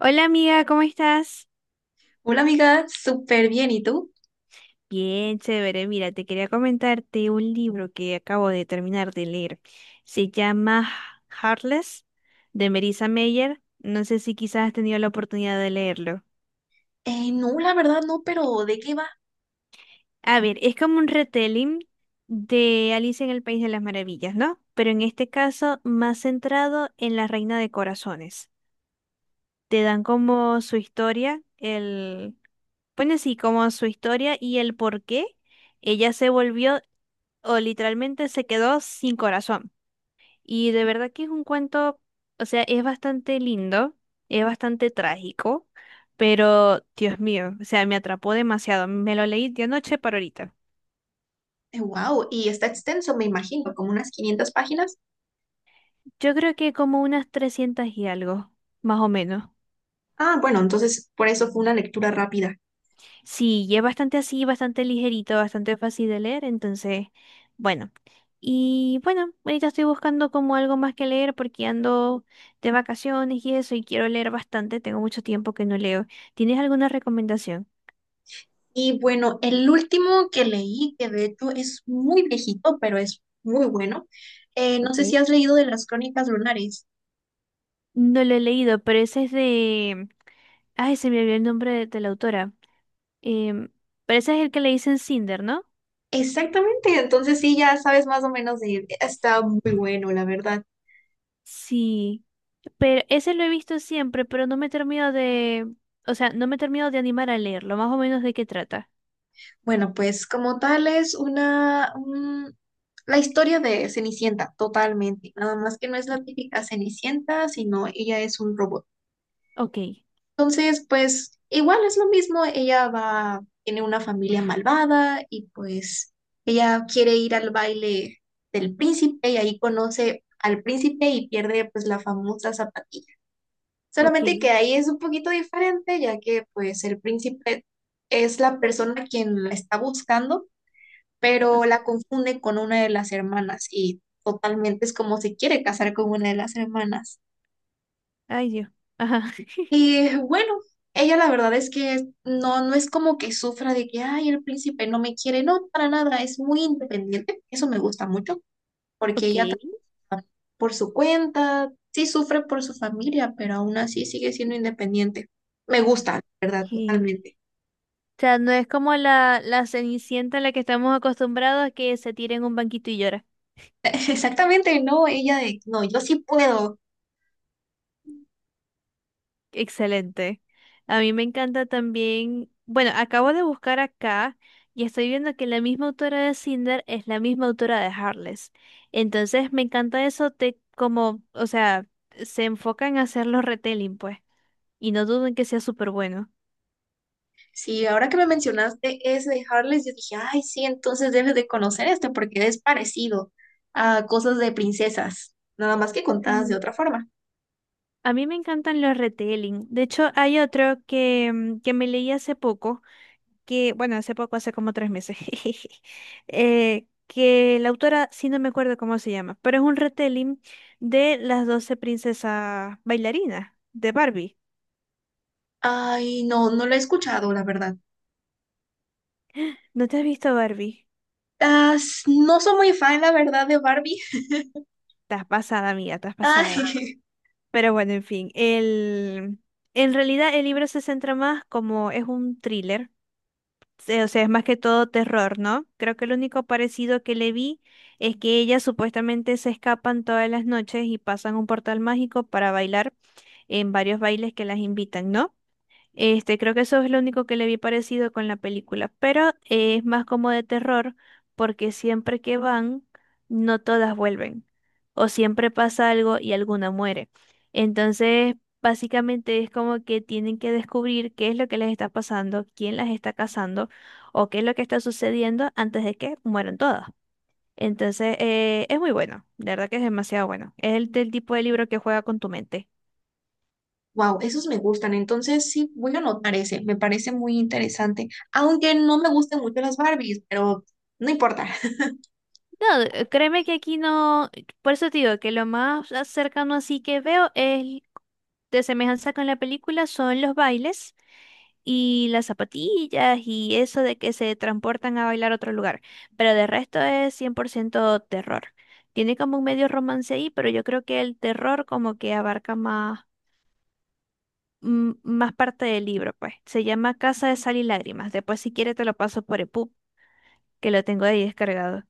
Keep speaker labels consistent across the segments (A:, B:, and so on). A: Hola amiga, ¿cómo estás?
B: Hola amiga, súper bien. ¿Y tú?
A: Bien, chévere. Mira, te quería comentarte un libro que acabo de terminar de leer. Se llama Heartless de Marissa Meyer. No sé si quizás has tenido la oportunidad de leerlo.
B: No, la verdad no, pero ¿de qué va?
A: A ver, es como un retelling de Alicia en el País de las Maravillas, ¿no? Pero en este caso más centrado en la Reina de Corazones. Te dan como su historia, pone así como su historia y el por qué ella se volvió o literalmente se quedó sin corazón. Y de verdad que es un cuento, o sea, es bastante lindo, es bastante trágico, pero Dios mío, o sea, me atrapó demasiado. Me lo leí de anoche para ahorita.
B: Wow, y está extenso, me imagino, como unas 500 páginas.
A: Yo creo que como unas 300 y algo, más o menos.
B: Ah, bueno, entonces por eso fue una lectura rápida.
A: Sí, y es bastante así, bastante ligerito, bastante fácil de leer, entonces, bueno. Y bueno, ahorita estoy buscando como algo más que leer porque ando de vacaciones y eso y quiero leer bastante, tengo mucho tiempo que no leo. ¿Tienes alguna recomendación?
B: Y bueno, el último que leí, que de hecho es muy viejito, pero es muy bueno. No sé si
A: Ok.
B: has leído de las Crónicas Lunares.
A: No lo he leído, pero ese es de. Ay, se me olvidó el nombre de la autora. Em, pero ese es el que le dicen Cinder, ¿no?
B: Exactamente, entonces sí, ya sabes más o menos de... Está muy bueno, la verdad.
A: Sí, pero ese lo he visto siempre, pero no me termino de, o sea, no me termino de animar a leerlo, más o menos de qué trata.
B: Bueno, pues como tal es la historia de Cenicienta, totalmente. Nada más que no es la típica Cenicienta, sino ella es un robot.
A: Ok,
B: Entonces, pues igual es lo mismo, ella va, tiene una familia malvada y pues ella quiere ir al baile del príncipe y ahí conoce al príncipe y pierde pues la famosa zapatilla. Solamente que
A: ok.
B: ahí es un poquito diferente, ya que pues el príncipe es la persona quien la está buscando, pero
A: Ajá.
B: la confunden con una de las hermanas y totalmente es como se quiere casar con una de las hermanas.
A: Ay, Dios. Ajá.
B: Y bueno, ella la verdad es que no, no es como que sufra de que, ay, el príncipe no me quiere, no, para nada, es muy independiente, eso me gusta mucho, porque
A: Ok.
B: por su cuenta, sí sufre por su familia, pero aún así sigue siendo independiente. Me gusta, la ¿verdad?
A: Sí.
B: Totalmente.
A: O sea, no es como la Cenicienta a la que estamos acostumbrados a que se tire en un banquito y llora.
B: Exactamente, no, no, yo sí puedo.
A: Excelente. A mí me encanta también, bueno, acabo de buscar acá y estoy viendo que la misma autora de Cinder es la misma autora de Heartless. Entonces me encanta eso te como, o sea, se enfocan en hacer los retelling, pues, y no duden que sea súper bueno.
B: Sí, ahora que me mencionaste ese de Harless, yo dije, ay, sí, entonces debes de conocer este porque es parecido a cosas de princesas, nada más que contadas de
A: Mm.
B: otra forma.
A: A mí me encantan los retelling. De hecho, hay otro que, que me leí hace poco que, bueno, hace poco, hace como 3 meses, que la autora, sí no me acuerdo cómo se llama, pero es un retelling de las 12 princesas bailarinas de Barbie.
B: Ay, no, no lo he escuchado, la verdad.
A: ¿No te has visto Barbie?
B: No soy muy fan, la verdad, de Barbie.
A: Estás pasada, amiga, estás
B: Ay,
A: pasada. Pero bueno, en fin, en realidad el libro se centra más como es un thriller, o sea, es más que todo terror, ¿no? Creo que lo único parecido que le vi es que ellas supuestamente se escapan todas las noches y pasan un portal mágico para bailar en varios bailes que las invitan, ¿no? Este, creo que eso es lo único que le vi parecido con la película, pero es más como de terror porque siempre que van, no todas vuelven o siempre pasa algo y alguna muere. Entonces, básicamente es como que tienen que descubrir qué es lo que les está pasando, quién las está cazando o qué es lo que está sucediendo antes de que mueran todas. Entonces, es muy bueno, de verdad que es demasiado bueno. Es del tipo de libro que juega con tu mente.
B: wow, esos me gustan, entonces sí, voy a anotar ese, me parece muy interesante, aunque no me gusten mucho las Barbies, pero no importa.
A: No, créeme que aquí no, por eso te digo que lo más cercano así que veo es de semejanza con la película son los bailes y las zapatillas y eso de que se transportan a bailar a otro lugar, pero de resto es 100% terror. Tiene como un medio romance ahí, pero yo creo que el terror como que abarca más, más parte del libro, pues. Se llama Casa de Sal y Lágrimas. Después si quieres te lo paso por EPUB, que lo tengo ahí descargado.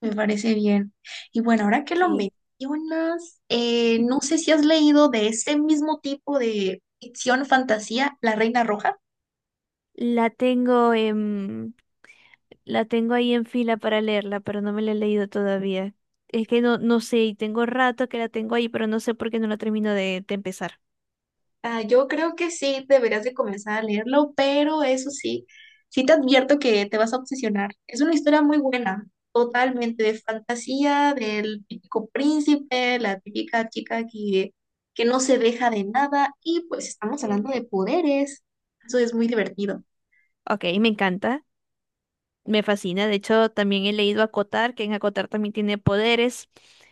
B: Me parece bien. Y bueno, ahora que lo
A: Sí.
B: mencionas, no sé si has leído de ese mismo tipo de ficción fantasía, La Reina Roja.
A: La tengo en, la tengo ahí en fila para leerla, pero no me la he leído todavía. Es que no, no sé, y tengo rato que la tengo ahí, pero no sé por qué no la termino de empezar.
B: Ah, yo creo que sí, deberías de comenzar a leerlo, pero eso sí, sí te advierto que te vas a obsesionar. Es una historia muy buena, totalmente de fantasía, del típico príncipe, la típica chica que no se deja de nada y pues estamos hablando
A: Ok.
B: de poderes. Eso es muy divertido.
A: Ok, me encanta, me fascina. De hecho, también he leído Acotar, que en Acotar también tiene poderes.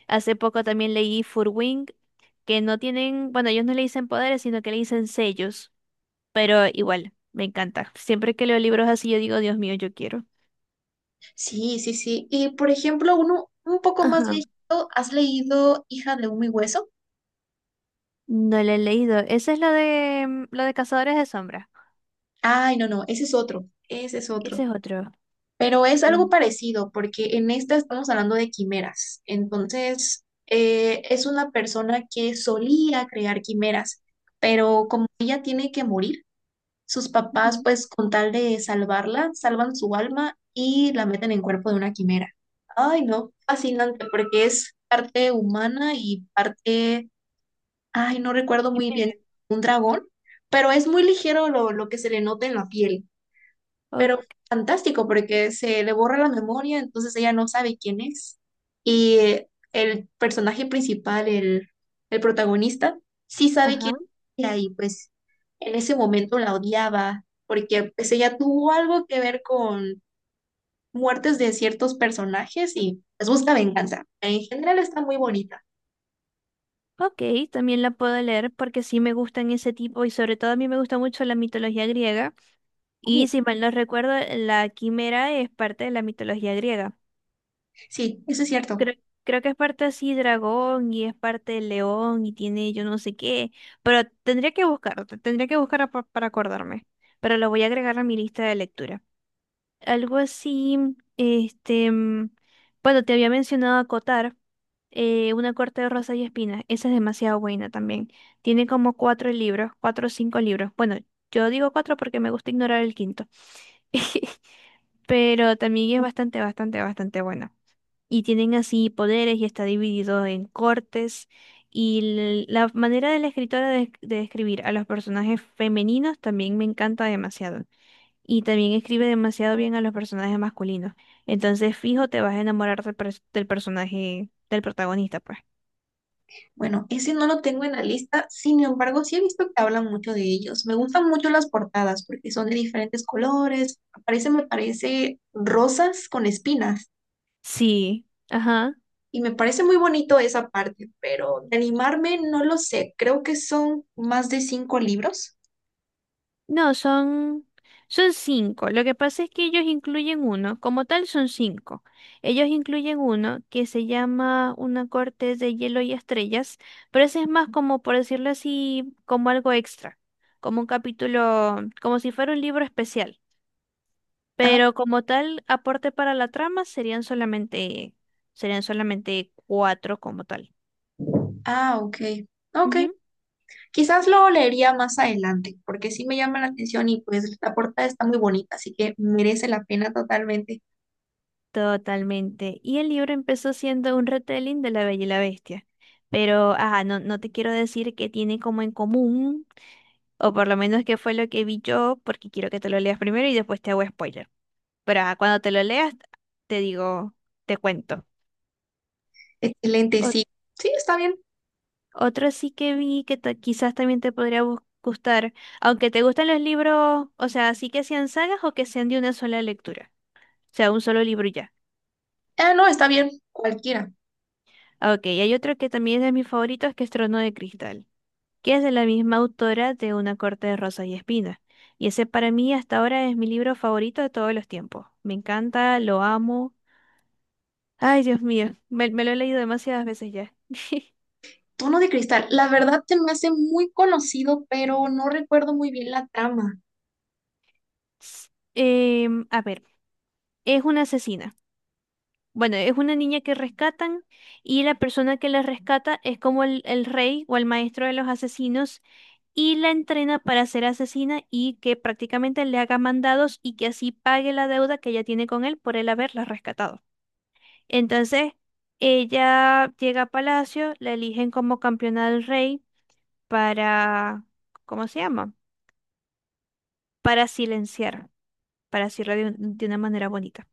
A: Hace poco también leí Furwing, que no tienen, bueno, ellos no le dicen poderes, sino que le dicen sellos, pero igual, me encanta. Siempre que leo libros así, yo digo, Dios mío, yo quiero.
B: Sí, sí, sí. Y por ejemplo, uno un poco más
A: Ajá.
B: viejito, ¿has leído Hija de Humo y Hueso?
A: No lo he leído. Ese es lo de Cazadores de Sombras.
B: Ay, no, no, ese es otro, ese es
A: Y
B: otro.
A: ese es otro.
B: Pero es algo
A: Y-
B: parecido, porque en esta estamos hablando de quimeras. Entonces, es una persona que solía crear quimeras, pero como ella tiene que morir, sus papás,
A: Ujú.
B: pues con tal de salvarla, salvan su alma y la meten en cuerpo de una quimera. Ay, no, fascinante, porque es parte humana y parte... Ay, no recuerdo muy bien.
A: Quimera.
B: Un dragón, pero es muy ligero lo que se le nota en la piel.
A: O-
B: Pero fantástico, porque se le borra la memoria, entonces ella no sabe quién es. Y el personaje principal, el protagonista, sí sabe quién
A: ajá.
B: es ella, y pues en ese momento la odiaba, porque pues ella tuvo algo que ver con muertes de ciertos personajes y les busca venganza. En general está muy bonita.
A: Ok, también la puedo leer porque sí me gustan ese tipo y sobre todo a mí me gusta mucho la mitología griega.
B: Uh,
A: Y si mal no recuerdo, la quimera es parte de la mitología griega.
B: sí, eso es cierto.
A: Creo, creo que es parte así dragón y es parte de león y tiene yo no sé qué. Pero tendría que buscarlo, tendría que buscar para acordarme. Pero lo voy a agregar a mi lista de lectura. Algo así, este, bueno, te había mencionado Acotar, una corte de rosas y espinas. Esa es demasiado buena también. Tiene como cuatro libros, cuatro o cinco libros. Bueno, yo digo cuatro porque me gusta ignorar el quinto. Pero también es bastante, bastante, bastante buena. Y tienen así poderes y está dividido en cortes. Y la manera de la escritora de escribir a los personajes femeninos también me encanta demasiado y también escribe demasiado bien a los personajes masculinos. Entonces, fijo, te vas a enamorar del personaje, del protagonista, pues.
B: Bueno, ese no lo tengo en la lista, sin embargo, sí he visto que hablan mucho de ellos. Me gustan mucho las portadas porque son de diferentes colores. Aparece, me parece, rosas con espinas.
A: Sí, ajá.
B: Y me parece muy bonito esa parte, pero de animarme no lo sé. Creo que son más de cinco libros.
A: No, son cinco. Lo que pasa es que ellos incluyen uno, como tal son cinco. Ellos incluyen uno que se llama Una corte de hielo y estrellas, pero ese es más como, por decirlo así, como algo extra, como un capítulo, como si fuera un libro especial.
B: Ah,
A: Pero como tal, aporte para la trama serían solamente cuatro como tal.
B: ah, ok. Ok,
A: Ujú.
B: quizás lo leería más adelante, porque sí me llama la atención y pues la portada está muy bonita, así que merece la pena totalmente.
A: Totalmente. Y el libro empezó siendo un retelling de La Bella y la Bestia. Pero, ajá, no, no te quiero decir que tiene como en común, o por lo menos que fue lo que vi yo, porque quiero que te lo leas primero y después te hago spoiler. Pero ajá, cuando te lo leas, te digo, te cuento.
B: Excelente, sí. Sí, está bien.
A: Otro sí que vi que quizás también te podría gustar, aunque te gustan los libros, o sea, sí que sean sagas o que sean de una sola lectura, o sea, un solo libro y ya.
B: Ah, no, está bien, cualquiera.
A: Ah, Ok, y hay otro que también es de mis favoritos, que es Trono de Cristal, que es de la misma autora de Una corte de rosas y espinas. Y ese para mí hasta ahora es mi libro favorito de todos los tiempos. Me encanta, lo amo. Ay, Dios mío, me lo he leído demasiadas veces ya.
B: Tono de cristal. La verdad se me hace muy conocido, pero no recuerdo muy bien la trama.
A: A ver, es una asesina. Bueno, es una niña que rescatan y la persona que la rescata es como el rey o el maestro de los asesinos y la entrena para ser asesina y que prácticamente le haga mandados y que así pague la deuda que ella tiene con él por él haberla rescatado. Entonces, ella llega a palacio, la eligen como campeona del rey para, ¿cómo se llama? Para silenciar, para decirlo de de una manera bonita.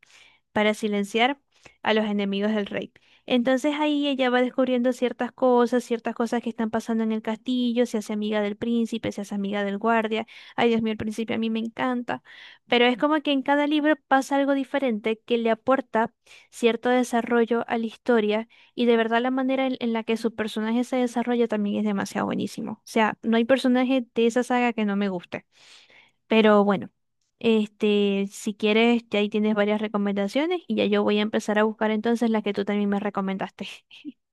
A: Para silenciar a los enemigos del rey. Entonces ahí ella va descubriendo ciertas cosas que están pasando en el castillo, se hace amiga del príncipe, se hace amiga del guardia. Ay, Dios mío, el príncipe a mí me encanta. Pero es como que en cada libro pasa algo diferente que le aporta cierto desarrollo a la historia y de verdad la manera en la que su personaje se desarrolla también es demasiado buenísimo. O sea, no hay personaje de esa saga que no me guste. Pero bueno, este, si quieres, ya ahí tienes varias recomendaciones y ya yo voy a empezar a buscar entonces las que tú también me recomendaste.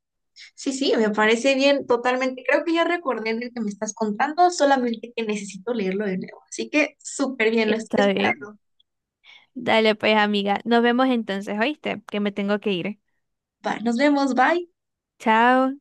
B: Sí, sí, me parece bien, totalmente. Creo que ya recordé el que me estás contando, solamente que necesito leerlo de nuevo. Así que súper bien, lo estoy
A: Está bien.
B: esperando.
A: Dale pues, amiga. Nos vemos entonces, ¿oíste? Que me tengo que ir.
B: Va, nos vemos, bye.
A: Chao.